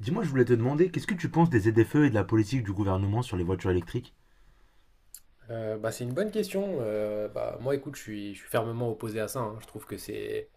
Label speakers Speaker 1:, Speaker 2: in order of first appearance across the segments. Speaker 1: Dis-moi, je voulais te demander, qu'est-ce que tu penses des ZFE et de la politique du gouvernement sur les voitures électriques?
Speaker 2: C'est une bonne question. Moi, écoute, je suis fermement opposé à ça, hein.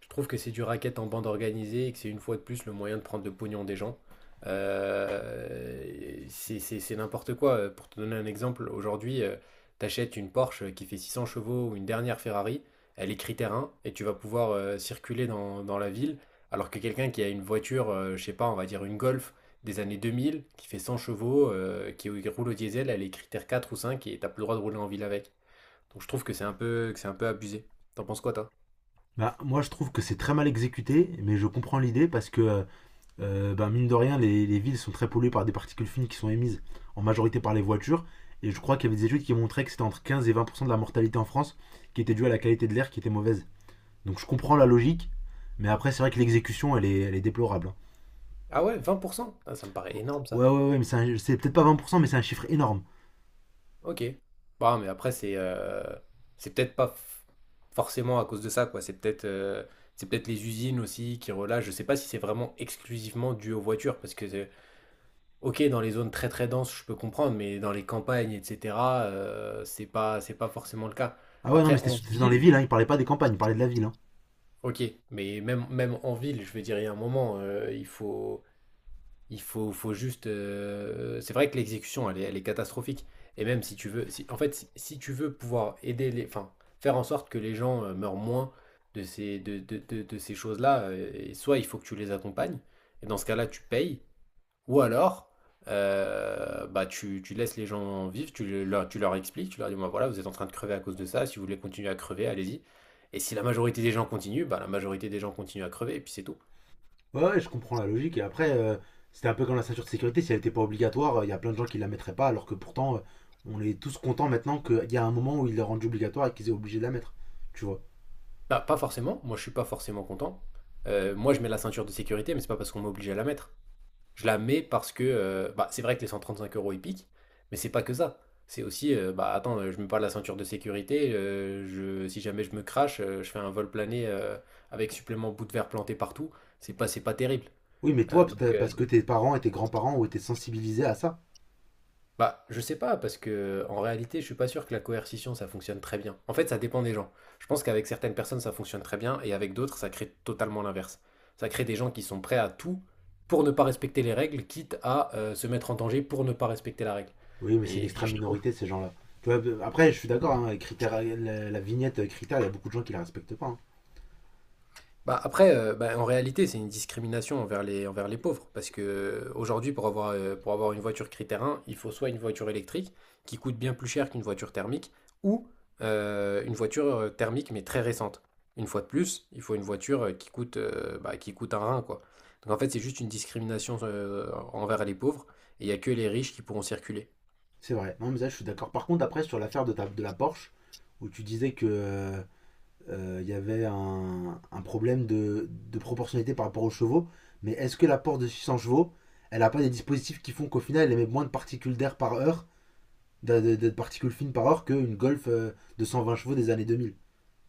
Speaker 2: Je trouve que c'est du racket en bande organisée et que c'est une fois de plus le moyen de prendre le pognon des gens. Euh, c'est n'importe quoi. Pour te donner un exemple, aujourd'hui, t'achètes une Porsche qui fait 600 chevaux ou une dernière Ferrari. Elle est critère 1 et tu vas pouvoir circuler dans la ville, alors que quelqu'un qui a une voiture, je sais pas, on va dire une Golf des années 2000, qui fait 100 chevaux, qui roule au diesel. Elle est critère 4 ou 5 et t'as plus le droit de rouler en ville avec. Donc je trouve que c'est un peu, que c'est un peu abusé. T'en penses quoi, toi?
Speaker 1: Bah, moi, je trouve que c'est très mal exécuté, mais je comprends l'idée parce que, bah, mine de rien, les villes sont très polluées par des particules fines qui sont émises en majorité par les voitures. Et je crois qu'il y avait des études qui montraient que c'était entre 15 et 20% de la mortalité en France qui était due à la qualité de l'air qui était mauvaise. Donc je comprends la logique, mais après, c'est vrai que l'exécution, elle est déplorable, hein.
Speaker 2: Ah ouais, 20%? Ah, ça me paraît énorme, ça.
Speaker 1: Ouais, ouais, ouais, mais c'est peut-être pas 20%, mais c'est un chiffre énorme.
Speaker 2: Ok. Bon, mais après, c'est peut-être pas forcément à cause de ça, quoi. C'est peut-être les usines aussi qui relâchent. Je sais pas si c'est vraiment exclusivement dû aux voitures, parce que, ok, dans les zones très très denses, je peux comprendre, mais dans les campagnes, etc., c'est pas forcément le cas.
Speaker 1: Ah ouais, non, mais
Speaker 2: Après, en
Speaker 1: c'était dans les
Speaker 2: ville,
Speaker 1: villes, hein, il parlait pas des campagnes, il parlait de la ville, hein.
Speaker 2: ok, mais même en ville, je veux dire, il y a un moment, il faut. Il faut, faut juste. C'est vrai que l'exécution, elle est catastrophique. Et même si tu veux pouvoir aider les, enfin, faire en sorte que les gens meurent moins de ces choses-là, et soit il faut que tu les accompagnes, et dans ce cas-là, tu payes. Ou alors, tu laisses les gens vivre, tu leur expliques, tu leur dis, voilà, vous êtes en train de crever à cause de ça. Si vous voulez continuer à crever, allez-y. Et si la majorité des gens continuent, bah, la majorité des gens continuent à crever, et puis c'est tout.
Speaker 1: Ouais, ouais, je comprends la logique. Et après, c'était un peu comme la ceinture de sécurité, si elle n'était pas obligatoire, il y a plein de gens qui la mettraient pas, alors que pourtant, on est tous contents maintenant qu'il y a un moment où ils la rendent obligatoire et qu'ils soient obligés de la mettre. Tu vois.
Speaker 2: Bah, pas forcément. Moi, je suis pas forcément content. Moi, je mets la ceinture de sécurité, mais c'est pas parce qu'on m'oblige à la mettre. Je la mets parce que, c'est vrai que les 135 euros, ils piquent, mais c'est pas que ça. C'est aussi, attends, je mets pas la ceinture de sécurité. Si jamais je me crache, je fais un vol plané, avec supplément bout de verre planté partout. C'est pas terrible.
Speaker 1: Oui, mais
Speaker 2: Euh,
Speaker 1: toi,
Speaker 2: donc,
Speaker 1: peut-être
Speaker 2: euh,
Speaker 1: parce que tes parents et tes grands-parents ont été sensibilisés à ça.
Speaker 2: Je sais pas, parce que en réalité, je suis pas sûr que la coercition, ça fonctionne très bien. En fait, ça dépend des gens. Je pense qu'avec certaines personnes, ça fonctionne très bien, et avec d'autres, ça crée totalement l'inverse. Ça crée des gens qui sont prêts à tout pour ne pas respecter les règles, quitte à se mettre en danger pour ne pas respecter la règle.
Speaker 1: Oui, mais c'est une
Speaker 2: Et
Speaker 1: extrême
Speaker 2: je trouve.
Speaker 1: minorité, ces gens-là. Tu vois, après, je suis d'accord, hein, la, la vignette critère, il y a beaucoup de gens qui la respectent pas, hein.
Speaker 2: Bah après, en réalité, c'est une discrimination envers les pauvres. Parce que aujourd'hui, pour avoir une voiture critère 1, il faut soit une voiture électrique qui coûte bien plus cher qu'une voiture thermique, ou une voiture thermique, mais très récente. Une fois de plus, il faut une voiture qui coûte, qui coûte un rein, quoi. Donc en fait, c'est juste une discrimination envers les pauvres, et il n'y a que les riches qui pourront circuler.
Speaker 1: C'est vrai. Non, mais ça, je suis d'accord. Par contre, après, sur l'affaire de, de la Porsche, où tu disais que il y avait un problème de proportionnalité par rapport aux chevaux. Mais est-ce que la Porsche de 600 chevaux, elle n'a pas des dispositifs qui font qu'au final, elle émet moins de particules d'air par heure, de particules fines par heure, qu'une Golf de 120 chevaux des années 2000?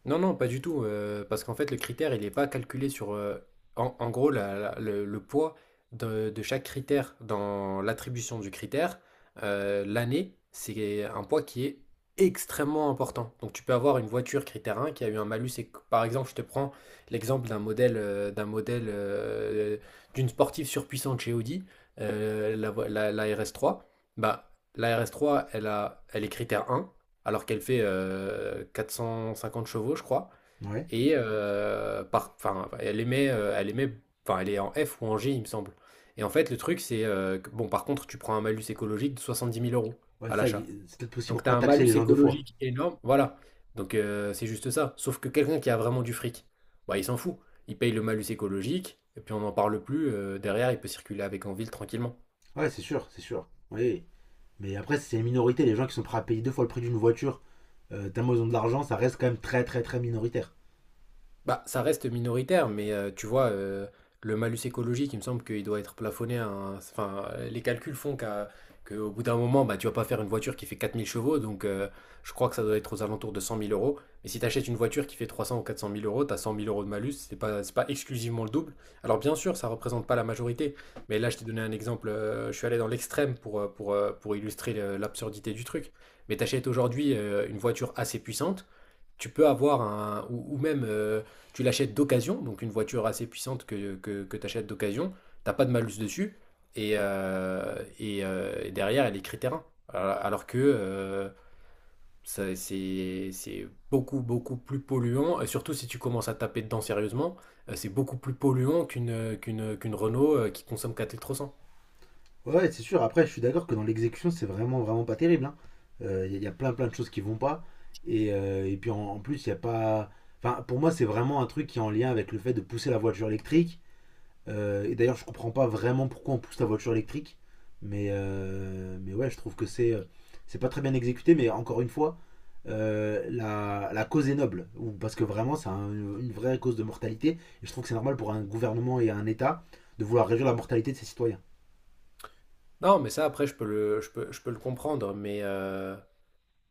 Speaker 2: Non, non, pas du tout. Parce qu'en fait, le critère, il n'est pas calculé sur... en gros, la la le poids de chaque critère dans l'attribution du critère, l'année, c'est un poids qui est extrêmement important. Donc tu peux avoir une voiture critère 1 qui a eu un malus éc Par exemple, je te prends l'exemple d'un modèle, d'une sportive surpuissante chez Audi, la RS3. Bah, la RS3, elle est critère 1 alors qu'elle fait 450 chevaux, je crois.
Speaker 1: Ouais.
Speaker 2: Enfin, enfin, elle est en F ou en G, il me semble. Et en fait, le truc, c'est bon, par contre, tu prends un malus écologique de 70 000 euros
Speaker 1: Ouais,
Speaker 2: à
Speaker 1: ça,
Speaker 2: l'achat.
Speaker 1: c'est peut-être possible
Speaker 2: Donc,
Speaker 1: pour
Speaker 2: tu as
Speaker 1: pas
Speaker 2: un
Speaker 1: taxer
Speaker 2: malus
Speaker 1: les gens deux fois.
Speaker 2: écologique énorme, voilà. Donc, c'est juste ça. Sauf que quelqu'un qui a vraiment du fric, bah, il s'en fout. Il paye le malus écologique, et puis on n'en parle plus. Derrière, il peut circuler avec en ville tranquillement.
Speaker 1: Ouais, c'est sûr, c'est sûr. Oui. Mais après, c'est une minorité, les gens qui sont prêts à payer deux fois le prix d'une voiture, tellement ils ont de l'argent, ça reste quand même très, très, très minoritaire.
Speaker 2: Bah, ça reste minoritaire, mais tu vois, le malus écologique, il me semble qu'il doit être plafonné Enfin, les calculs font qu'au bout d'un moment, bah, tu vas pas faire une voiture qui fait 4000 chevaux. Donc je crois que ça doit être aux alentours de 100 000 euros. Mais si tu achètes une voiture qui fait 300 ou 400 mille euros, tu as 100 000 euros de malus. C'est pas exclusivement le double. Alors bien sûr, ça représente pas la majorité, mais là, je t'ai donné un exemple. Je suis allé dans l'extrême pour, pour illustrer l'absurdité du truc. Mais tu achètes aujourd'hui une voiture assez puissante, tu peux avoir un, ou même tu l'achètes d'occasion. Donc une voiture assez puissante que tu achètes d'occasion, t'as pas de malus dessus. Et derrière, elle est critère... Alors que c'est beaucoup, beaucoup plus polluant. Et surtout si tu commences à taper dedans sérieusement, c'est beaucoup plus polluant qu'une Renault qui consomme 4 litres au 100.
Speaker 1: Ouais, c'est sûr. Après, je suis d'accord que dans l'exécution, c'est vraiment, vraiment pas terrible, hein. Il il y a plein, plein de choses qui vont pas. Et puis en plus, il n'y a pas. Enfin, pour moi, c'est vraiment un truc qui est en lien avec le fait de pousser la voiture électrique. Et d'ailleurs, je comprends pas vraiment pourquoi on pousse la voiture électrique. Mais ouais, je trouve que c'est pas très bien exécuté. Mais encore une fois, la, la cause est noble. Parce que vraiment, une vraie cause de mortalité. Et je trouve que c'est normal pour un gouvernement et un État de vouloir réduire la mortalité de ses citoyens.
Speaker 2: Non, mais ça, après, je peux le comprendre, mais,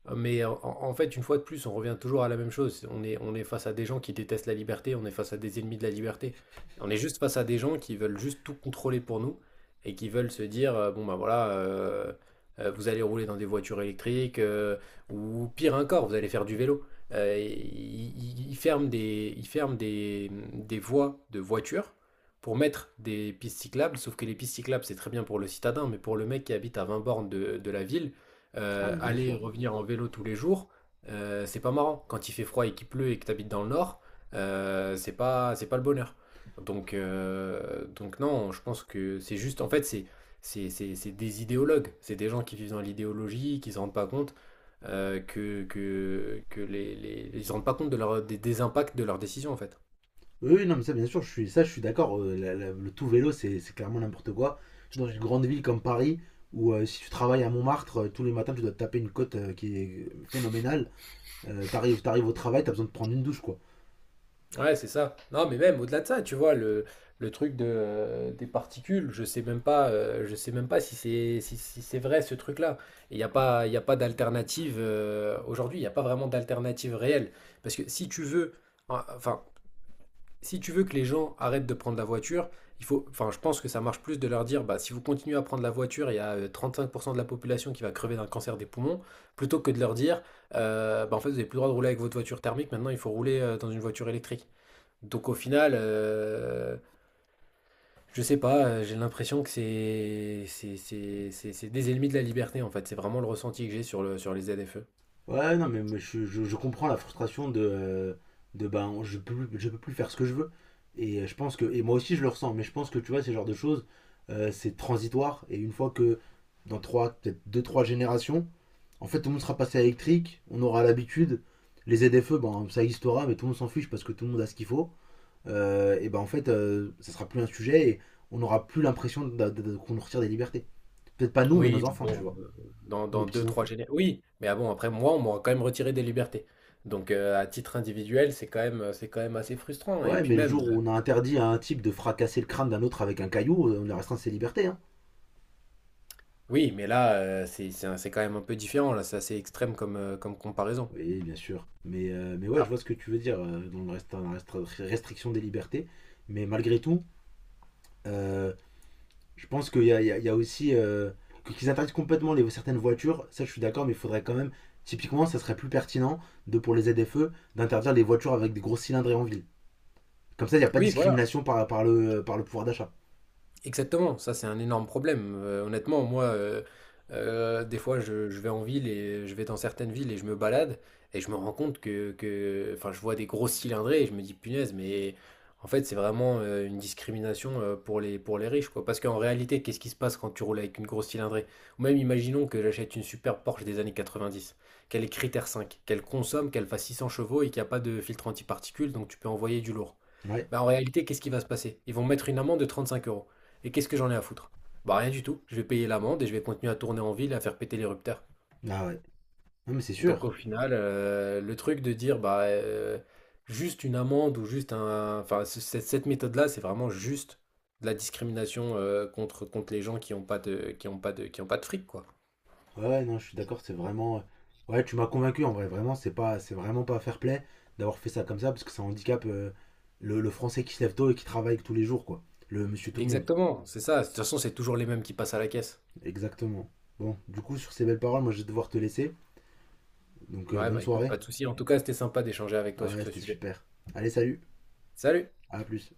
Speaker 2: hein. Mais en fait, une fois de plus, on revient toujours à la même chose. On est face à des gens qui détestent la liberté, on est face à des ennemis de la liberté. On est juste face à des gens qui veulent juste tout contrôler pour nous et qui veulent se dire, bon ben voilà, vous allez rouler dans des voitures électriques, ou pire encore, vous allez faire du vélo. Ils ferment des, des voies de voitures pour mettre des pistes cyclables. Sauf que les pistes cyclables, c'est très bien pour le citadin, mais pour le mec qui habite à 20 bornes de la ville,
Speaker 1: Ah, bah, bien
Speaker 2: aller et
Speaker 1: sûr.
Speaker 2: revenir en vélo tous les jours, c'est pas marrant. Quand il fait froid et qu'il pleut et que tu habites dans le nord, c'est pas le bonheur. Donc non, je pense que c'est juste, en fait, c'est des idéologues, c'est des gens qui vivent dans l'idéologie, qui se rendent pas compte ils se rendent pas compte de des impacts de leurs décisions, en fait.
Speaker 1: Oui, oui, non, mais ça, bien sûr, je suis, ça, je suis d'accord. Le tout vélo, c'est clairement n'importe quoi. Surtout dans une grande ville comme Paris, où si tu travailles à Montmartre, tous les matins, tu dois te taper une côte qui est phénoménale. T'arrives au travail, t'as besoin de prendre une douche, quoi.
Speaker 2: Ouais, c'est ça. Non, mais même au-delà de ça, tu vois, le truc des particules, je sais même pas, je sais même pas si c'est vrai ce truc-là. Il y a pas d'alternative aujourd'hui, il n'y a pas vraiment d'alternative réelle. Parce que si tu veux, en- enfin, si tu veux que les gens arrêtent de prendre la voiture, enfin, je pense que ça marche plus de leur dire, bah, si vous continuez à prendre la voiture, il y a 35% de la population qui va crever d'un cancer des poumons, plutôt que de leur dire, en fait, vous n'avez plus le droit de rouler avec votre voiture thermique. Maintenant il faut rouler dans une voiture électrique. Donc au final, je sais pas, j'ai l'impression que c'est des ennemis de la liberté, en fait. C'est vraiment le ressenti que j'ai sur les ZFE.
Speaker 1: Ouais, non, je comprends la frustration de ben, je peux plus faire ce que je veux. Et je pense que, et moi aussi, je le ressens, mais je pense que, tu vois, ce genre de choses, c'est transitoire. Et une fois que, dans trois, peut-être deux, trois générations, en fait, tout le monde sera passé à électrique, on aura l'habitude. Les ZFE, ben, ça existera, mais tout le monde s'en fiche parce que tout le monde a ce qu'il faut. Et ben en fait, ça sera plus un sujet et on n'aura plus l'impression qu'on nous retire des libertés. Peut-être pas nous, mais
Speaker 2: Oui,
Speaker 1: nos
Speaker 2: mais
Speaker 1: enfants, tu
Speaker 2: bon,
Speaker 1: vois,
Speaker 2: dans,
Speaker 1: nos
Speaker 2: dans
Speaker 1: petits
Speaker 2: deux, trois
Speaker 1: enfants.
Speaker 2: générations. Oui, mais ah bon, après moi, on m'aura quand même retiré des libertés. Donc à titre individuel, c'est quand même assez frustrant. Et
Speaker 1: Ouais,
Speaker 2: puis
Speaker 1: mais le
Speaker 2: même,
Speaker 1: jour où on a interdit à un type de fracasser le crâne d'un autre avec un caillou, on lui restreint ses libertés, hein.
Speaker 2: oui, mais là, c'est quand même un peu différent. Là, c'est assez extrême comme comparaison.
Speaker 1: Oui, bien sûr. Mais ouais, je
Speaker 2: Ah,
Speaker 1: vois ce que tu veux dire dans la restriction des libertés. Mais malgré tout, euh, je pense qu'il y a, il y a aussi. Qu'ils interdisent complètement les, certaines voitures, ça je suis d'accord, mais il faudrait quand même. Typiquement, ça serait plus pertinent de, pour les ZFE d'interdire les voitures avec des gros cylindrés en ville. Comme ça, il n'y a pas de
Speaker 2: oui, voilà.
Speaker 1: discrimination par le pouvoir d'achat.
Speaker 2: Exactement, ça c'est un énorme problème. Honnêtement, moi, des fois, je vais en ville et je vais dans certaines villes et je me balade et je me rends compte enfin, je vois des grosses cylindrées et je me dis punaise, mais en fait, c'est vraiment une discrimination pour les riches, quoi. Parce qu'en réalité, qu'est-ce qui se passe quand tu roules avec une grosse cylindrée? Ou même imaginons que j'achète une super Porsche des années 90, qu'elle est critère 5, qu'elle consomme, qu'elle fasse 600 chevaux et qu'il n'y a pas de filtre antiparticules. Donc tu peux envoyer du lourd.
Speaker 1: Ouais.
Speaker 2: Bah, en réalité, qu'est-ce qui va se passer? Ils vont mettre une amende de 35 euros. Et qu'est-ce que j'en ai à foutre? Bah rien du tout. Je vais payer l'amende et je vais continuer à tourner en ville et à faire péter l'érupteur.
Speaker 1: Ah ouais. Non, mais c'est
Speaker 2: Donc
Speaker 1: sûr.
Speaker 2: au final, le truc de dire juste une amende ou juste un, enfin cette méthode-là, c'est vraiment juste de la discrimination contre les gens qui ont pas de qui ont pas de qui ont pas de fric, quoi.
Speaker 1: Ouais, ouais, non, je suis d'accord, c'est vraiment. Ouais, tu m'as convaincu en vrai, vraiment, c'est vraiment pas fair play d'avoir fait ça comme ça parce que ça handicape le français qui se lève tôt et qui travaille tous les jours, quoi. Le monsieur tout le monde.
Speaker 2: Exactement, c'est ça. De toute façon, c'est toujours les mêmes qui passent à la caisse.
Speaker 1: Exactement. Bon, du coup, sur ces belles paroles, moi je vais devoir te laisser. Donc
Speaker 2: Ouais,
Speaker 1: bonne
Speaker 2: bah écoute, pas
Speaker 1: soirée.
Speaker 2: de souci. En tout cas, c'était sympa d'échanger avec toi sur
Speaker 1: Ouais,
Speaker 2: ce
Speaker 1: c'était
Speaker 2: sujet.
Speaker 1: super. Allez, salut.
Speaker 2: Salut!
Speaker 1: À plus.